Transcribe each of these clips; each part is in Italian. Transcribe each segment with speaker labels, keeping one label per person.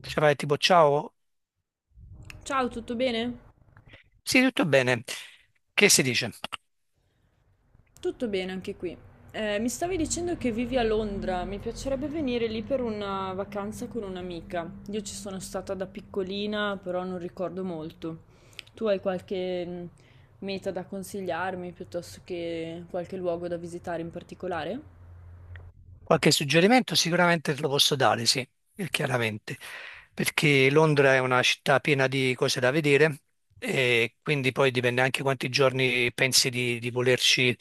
Speaker 1: Cioè vai tipo ciao,
Speaker 2: Ciao, tutto bene?
Speaker 1: sì, tutto bene, che si dice?
Speaker 2: Tutto bene anche qui. Mi stavi dicendo che vivi a Londra, mi piacerebbe venire lì per una vacanza con un'amica. Io ci sono stata da piccolina, però non ricordo molto. Tu hai qualche meta da consigliarmi piuttosto che qualche luogo da visitare in particolare?
Speaker 1: Qualche suggerimento sicuramente te lo posso dare, sì, chiaramente, perché Londra è una città piena di cose da vedere e quindi poi dipende anche quanti giorni pensi di volerci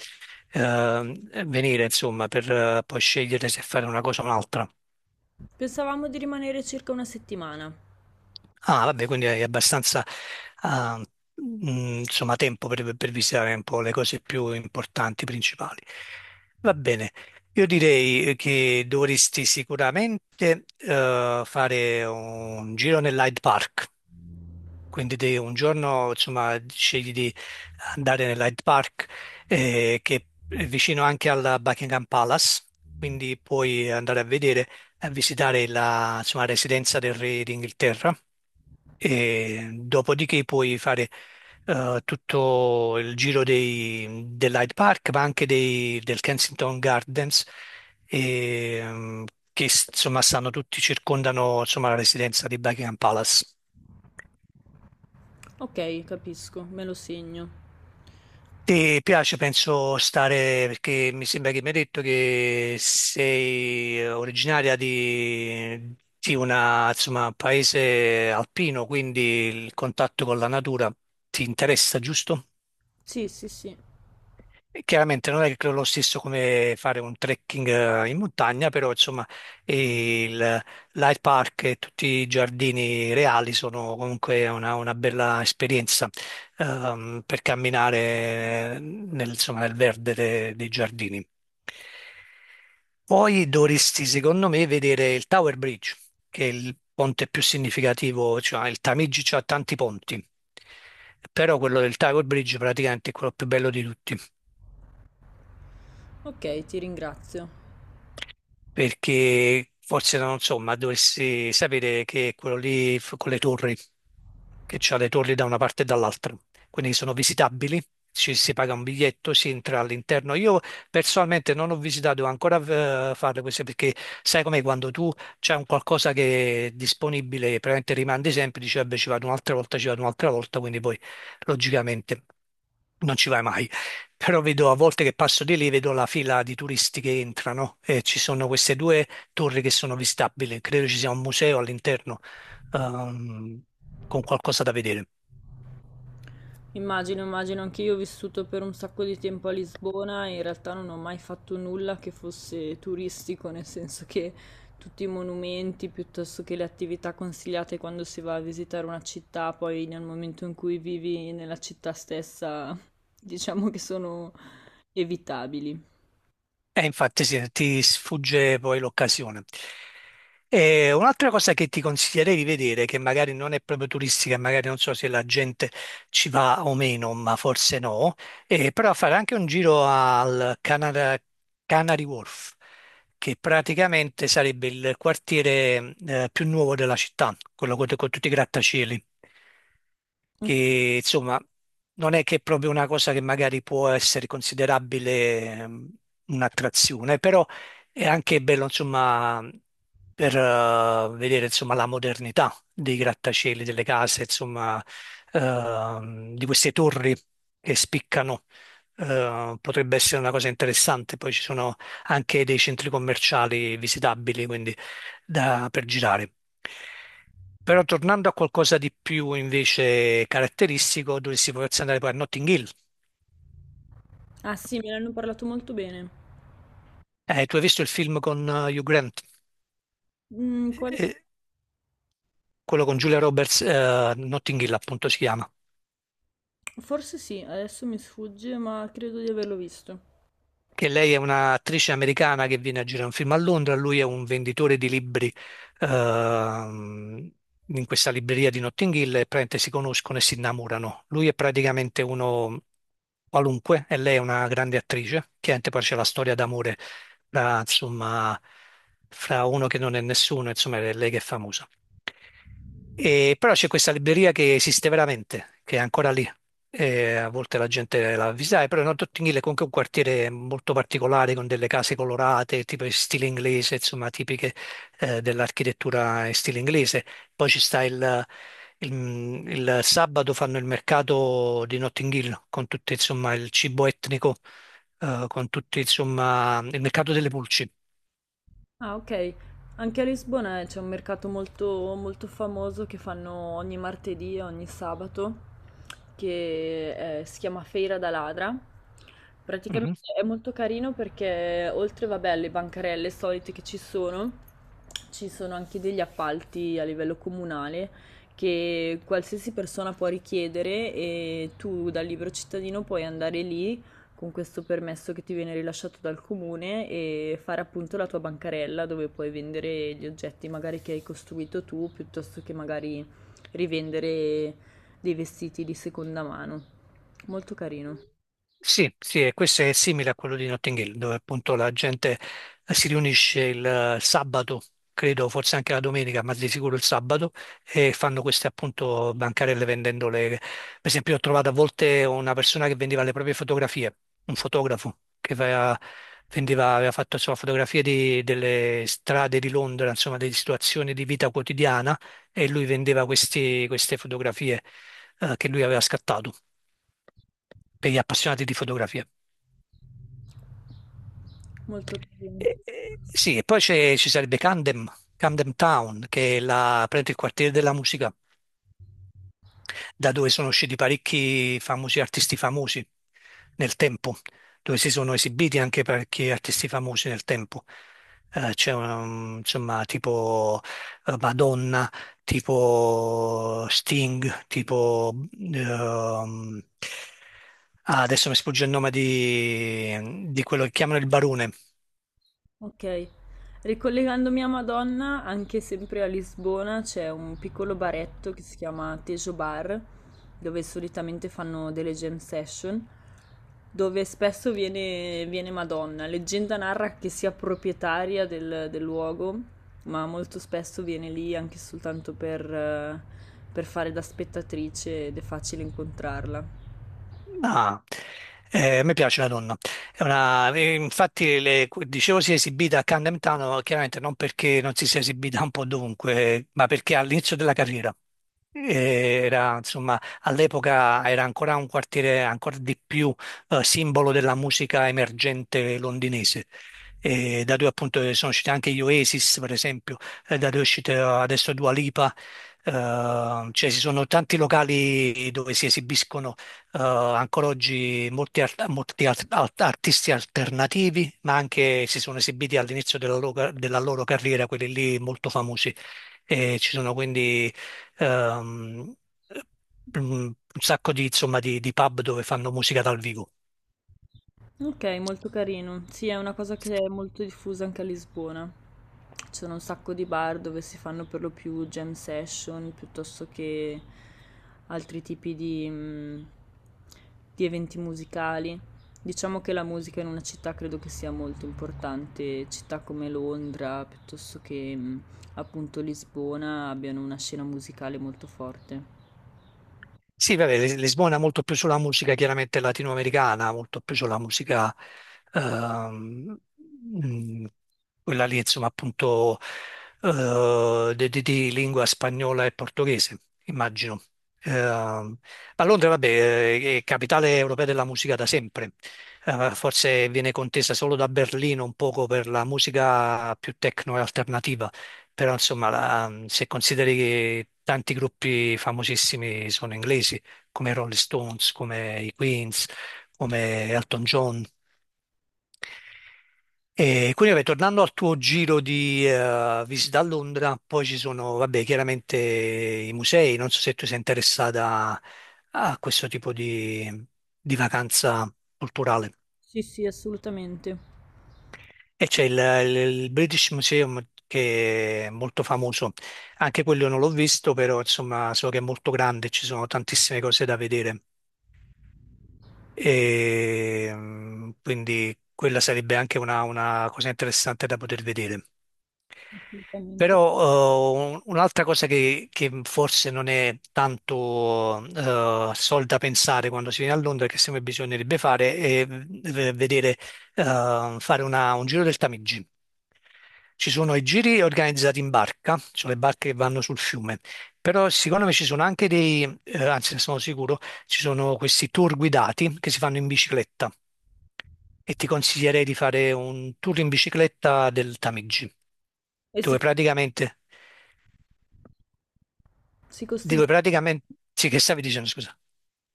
Speaker 1: eh, venire, insomma, per poi scegliere se fare una cosa o un'altra.
Speaker 2: Pensavamo di rimanere circa una settimana.
Speaker 1: Ah, vabbè, quindi hai abbastanza, ah, insomma, tempo per visitare un po' le cose più importanti, principali. Va bene, io direi che dovresti sicuramente, fare un giro nell'Hyde Park. Quindi te un giorno, insomma, scegli di andare nell'Hyde Park, che è vicino anche alla Buckingham Palace, quindi puoi andare a vedere, a visitare la, insomma, residenza del re d'Inghilterra e dopodiché puoi fare tutto il giro dell'Hyde Park, ma anche del Kensington Gardens, e, che insomma stanno tutti, circondano insomma, la residenza di Buckingham Palace.
Speaker 2: Ok, capisco, me lo segno.
Speaker 1: Ti piace, penso, stare, perché mi sembra che mi hai detto che sei originaria di una, insomma, paese alpino, quindi il contatto con la natura ti interessa, giusto?
Speaker 2: Sì, sì, sì.
Speaker 1: E chiaramente non è che lo stesso come fare un trekking in montagna, però insomma il Light Park e tutti i giardini reali sono comunque una bella esperienza per camminare nel, insomma, nel verde dei giardini. Poi dovresti, secondo me, vedere il Tower Bridge, che è il ponte più significativo, cioè il Tamigi ha tanti ponti, però quello del Tower Bridge praticamente è quello più bello di tutti.
Speaker 2: Ok, ti ringrazio.
Speaker 1: Perché forse non insomma dovresti sapere che quello lì con le torri, che c'ha le torri da una parte e dall'altra, quindi sono visitabili, ci si paga un biglietto, si entra all'interno. Io personalmente non ho visitato ancora farle queste perché sai com'è quando tu c'è un qualcosa che è disponibile, praticamente rimandi sempre, dici vabbè ci vado un'altra volta, ci vado un'altra volta, quindi poi logicamente non ci vai mai. Però vedo a volte che passo di lì, vedo la fila di turisti che entrano e ci sono queste due torri che sono visitabili. Credo ci sia un museo all'interno, ehm, con qualcosa da vedere.
Speaker 2: Immagino, immagino, anche io ho vissuto per un sacco di tempo a Lisbona e in realtà non ho mai fatto nulla che fosse turistico, nel senso che tutti i monumenti piuttosto che le attività consigliate quando si va a visitare una città, poi nel momento in cui vivi nella città stessa, diciamo che sono evitabili.
Speaker 1: E infatti sì, ti sfugge poi l'occasione. E un'altra cosa che ti consiglierei di vedere, che magari non è proprio turistica, magari non so se la gente ci va o meno, ma forse no, però fare anche un giro al Canary Wharf, che praticamente sarebbe il quartiere più nuovo della città, quello con, tutti i grattacieli
Speaker 2: Ok.
Speaker 1: che insomma non è che è proprio una cosa che magari può essere considerabile un'attrazione, però è anche bello insomma per vedere insomma la modernità dei grattacieli, delle case, insomma di queste torri che spiccano. Potrebbe essere una cosa interessante, poi ci sono anche dei centri commerciali visitabili, quindi per girare. Però tornando a qualcosa di più invece caratteristico, dovresti potersi andare poi a Notting Hill.
Speaker 2: Ah sì, me ne hanno parlato molto bene.
Speaker 1: Tu hai visto il film con Hugh Grant.
Speaker 2: Mm.
Speaker 1: Eh, eh, quello con Julia Roberts, Notting Hill appunto si chiama.
Speaker 2: Forse sì, adesso mi sfugge, ma credo di averlo visto.
Speaker 1: Che lei è un'attrice americana che viene a girare un film a Londra, lui è un venditore di libri ehm, in questa libreria di Notting Hill e praticamente si conoscono e si innamorano. Lui è praticamente uno qualunque e lei è una grande attrice. Chiaramente poi c'è la storia d'amore fra, insomma, fra uno che non è nessuno, insomma, è lei che è famosa. E però c'è questa libreria che esiste veramente, che è ancora lì, e a volte la gente la visitava, però Northampton Hill è comunque un quartiere molto particolare con delle case colorate, tipo in stile inglese, insomma, tipiche dell'architettura in stile inglese. Poi ci sta il, il- il sabato fanno il mercato di Notting Hill con tutto insomma il cibo etnico, con tutti insomma il mercato delle pulci.
Speaker 2: Ah, ok. Anche a Lisbona c'è un mercato molto, molto famoso che fanno ogni martedì e ogni sabato, che si chiama Feira da Ladra. Praticamente
Speaker 1: Mhm.
Speaker 2: è molto carino perché oltre, vabbè, alle bancarelle solite che ci sono anche degli appalti a livello comunale che qualsiasi persona può richiedere e tu da libero cittadino puoi andare lì con questo permesso che ti viene rilasciato dal comune e fare appunto la tua bancarella dove puoi vendere gli oggetti magari che hai costruito tu piuttosto che magari rivendere dei vestiti di seconda mano. Molto carino,
Speaker 1: Sì, sì, e questo è simile a quello di Notting Hill, dove appunto la gente si riunisce il sabato, credo forse anche la domenica, ma di sicuro il sabato, e fanno queste appunto bancarelle vendendole. Per esempio, ho trovato a volte una persona che vendeva le proprie fotografie, un fotografo che aveva, vendeva, aveva fatto insomma, fotografie delle strade di Londra, insomma, delle situazioni di vita quotidiana e lui vendeva queste fotografie che lui aveva scattato per gli appassionati di fotografia.
Speaker 2: molto carino.
Speaker 1: Sì, e poi ci sarebbe Camden, Camden Town, che è la, praticamente il quartiere della musica. Da dove sono usciti parecchi famosi artisti famosi nel tempo, dove si sono esibiti anche parecchi artisti famosi nel tempo. C'è insomma tipo Madonna, tipo Sting, tipo ehm, adesso mi sfugge il nome di quello che chiamano il barone.
Speaker 2: Ok, ricollegandomi a Madonna, anche sempre a Lisbona c'è un piccolo baretto che si chiama Tejo Bar, dove solitamente fanno delle jam session, dove spesso viene, viene Madonna. Leggenda narra che sia proprietaria del luogo, ma molto spesso viene lì anche soltanto per fare da spettatrice ed è facile incontrarla.
Speaker 1: Ah, a me piace la donna. È infatti, dicevo si è esibita a Camden Town, chiaramente non perché non si sia esibita un po' dovunque, ma perché all'inizio della carriera. Era, insomma, all'epoca era ancora un quartiere ancora di più simbolo della musica emergente londinese. E da dove appunto sono usciti anche gli Oasis, per esempio, da dove è uscita adesso Dua Lipa. Eh, cioè ci sono tanti locali dove si esibiscono ancora oggi molti, artisti alternativi, ma anche si sono esibiti all'inizio della loro, carriera, quelli lì molto famosi. E ci sono quindi ehm, un sacco di, insomma, di pub dove fanno musica dal vivo.
Speaker 2: Okay, molto carino. Sì, è una cosa che è molto diffusa anche a Lisbona. Ci sono un sacco di bar dove si fanno per lo più jam session piuttosto che altri tipi di eventi musicali. Diciamo che la musica in una città credo che sia molto importante. Città come Londra, piuttosto che appunto Lisbona, abbiano una scena musicale molto forte.
Speaker 1: Sì, vabbè, Lisbona è molto più sulla musica chiaramente latinoamericana, molto più sulla musica ehm, mm, quella lì, insomma, appunto di, di lingua spagnola e portoghese, immagino. Ehm, ma Londra, vabbè, è capitale europea della musica da sempre. Forse viene contesa solo da Berlino un poco per la musica più techno e alternativa però insomma se consideri che tanti gruppi famosissimi sono inglesi, come i Rolling Stones, come i Queens, come Elton John. E quindi vabbè, tornando al tuo giro di visita a Londra, poi ci sono, vabbè, chiaramente i musei, non so se tu sei interessata a questo tipo di vacanza culturale.
Speaker 2: Sì, sì, assolutamente.
Speaker 1: E c'è il, il British Museum che è molto famoso, anche quello non l'ho visto, però insomma so che è molto grande, ci sono tantissime cose da vedere. E, quindi quella sarebbe anche una cosa interessante da poter vedere.
Speaker 2: Assolutamente.
Speaker 1: Però un'altra cosa che forse non è tanto sol da pensare quando si viene a Londra, che secondo me bisognerebbe fare, è vedere, fare un giro del Tamigi. Ci sono i giri organizzati in barca, ci sono le barche che vanno sul fiume, però secondo me ci sono anche anzi ne sono sicuro, ci sono questi tour guidati che si fanno in bicicletta e ti consiglierei di fare un tour in bicicletta del Tamigi,
Speaker 2: E
Speaker 1: dove praticamente,
Speaker 2: si
Speaker 1: dove
Speaker 2: costeggia
Speaker 1: praticamente, sì, che stavi dicendo, scusa.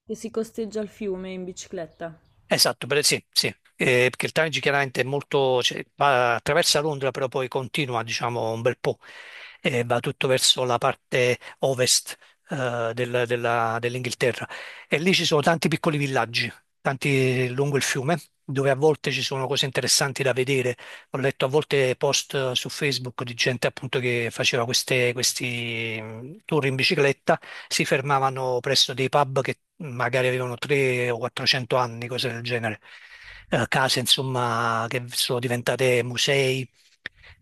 Speaker 2: si costeggia il fiume in bicicletta.
Speaker 1: Esatto, sì, sì. Perché il Tamigi chiaramente è molto, cioè, attraversa Londra, però poi continua, diciamo, un bel po', e va tutto verso la parte ovest, dell'Inghilterra. E lì ci sono tanti piccoli villaggi, tanti lungo il fiume, dove a volte ci sono cose interessanti da vedere. Ho letto a volte post su Facebook di gente appunto che faceva questi tour in bicicletta, si fermavano presso dei pub che magari avevano 300 o 400 anni, cose del genere. Case insomma che sono diventate musei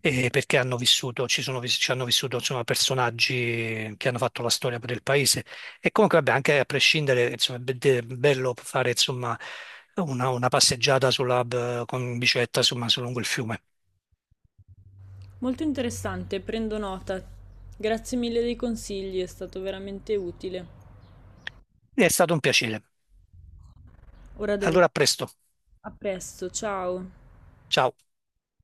Speaker 1: perché hanno vissuto, ci sono, ci hanno vissuto insomma, personaggi che hanno fatto la storia per il paese. E comunque, vabbè, anche a prescindere, insomma, è bello fare insomma, una passeggiata con bicicletta insomma, su lungo il fiume.
Speaker 2: Molto interessante, prendo nota. Grazie mille dei consigli, è stato veramente utile.
Speaker 1: È stato un piacere.
Speaker 2: Ora devo.
Speaker 1: Allora, a presto.
Speaker 2: A presto, ciao!
Speaker 1: Ciao.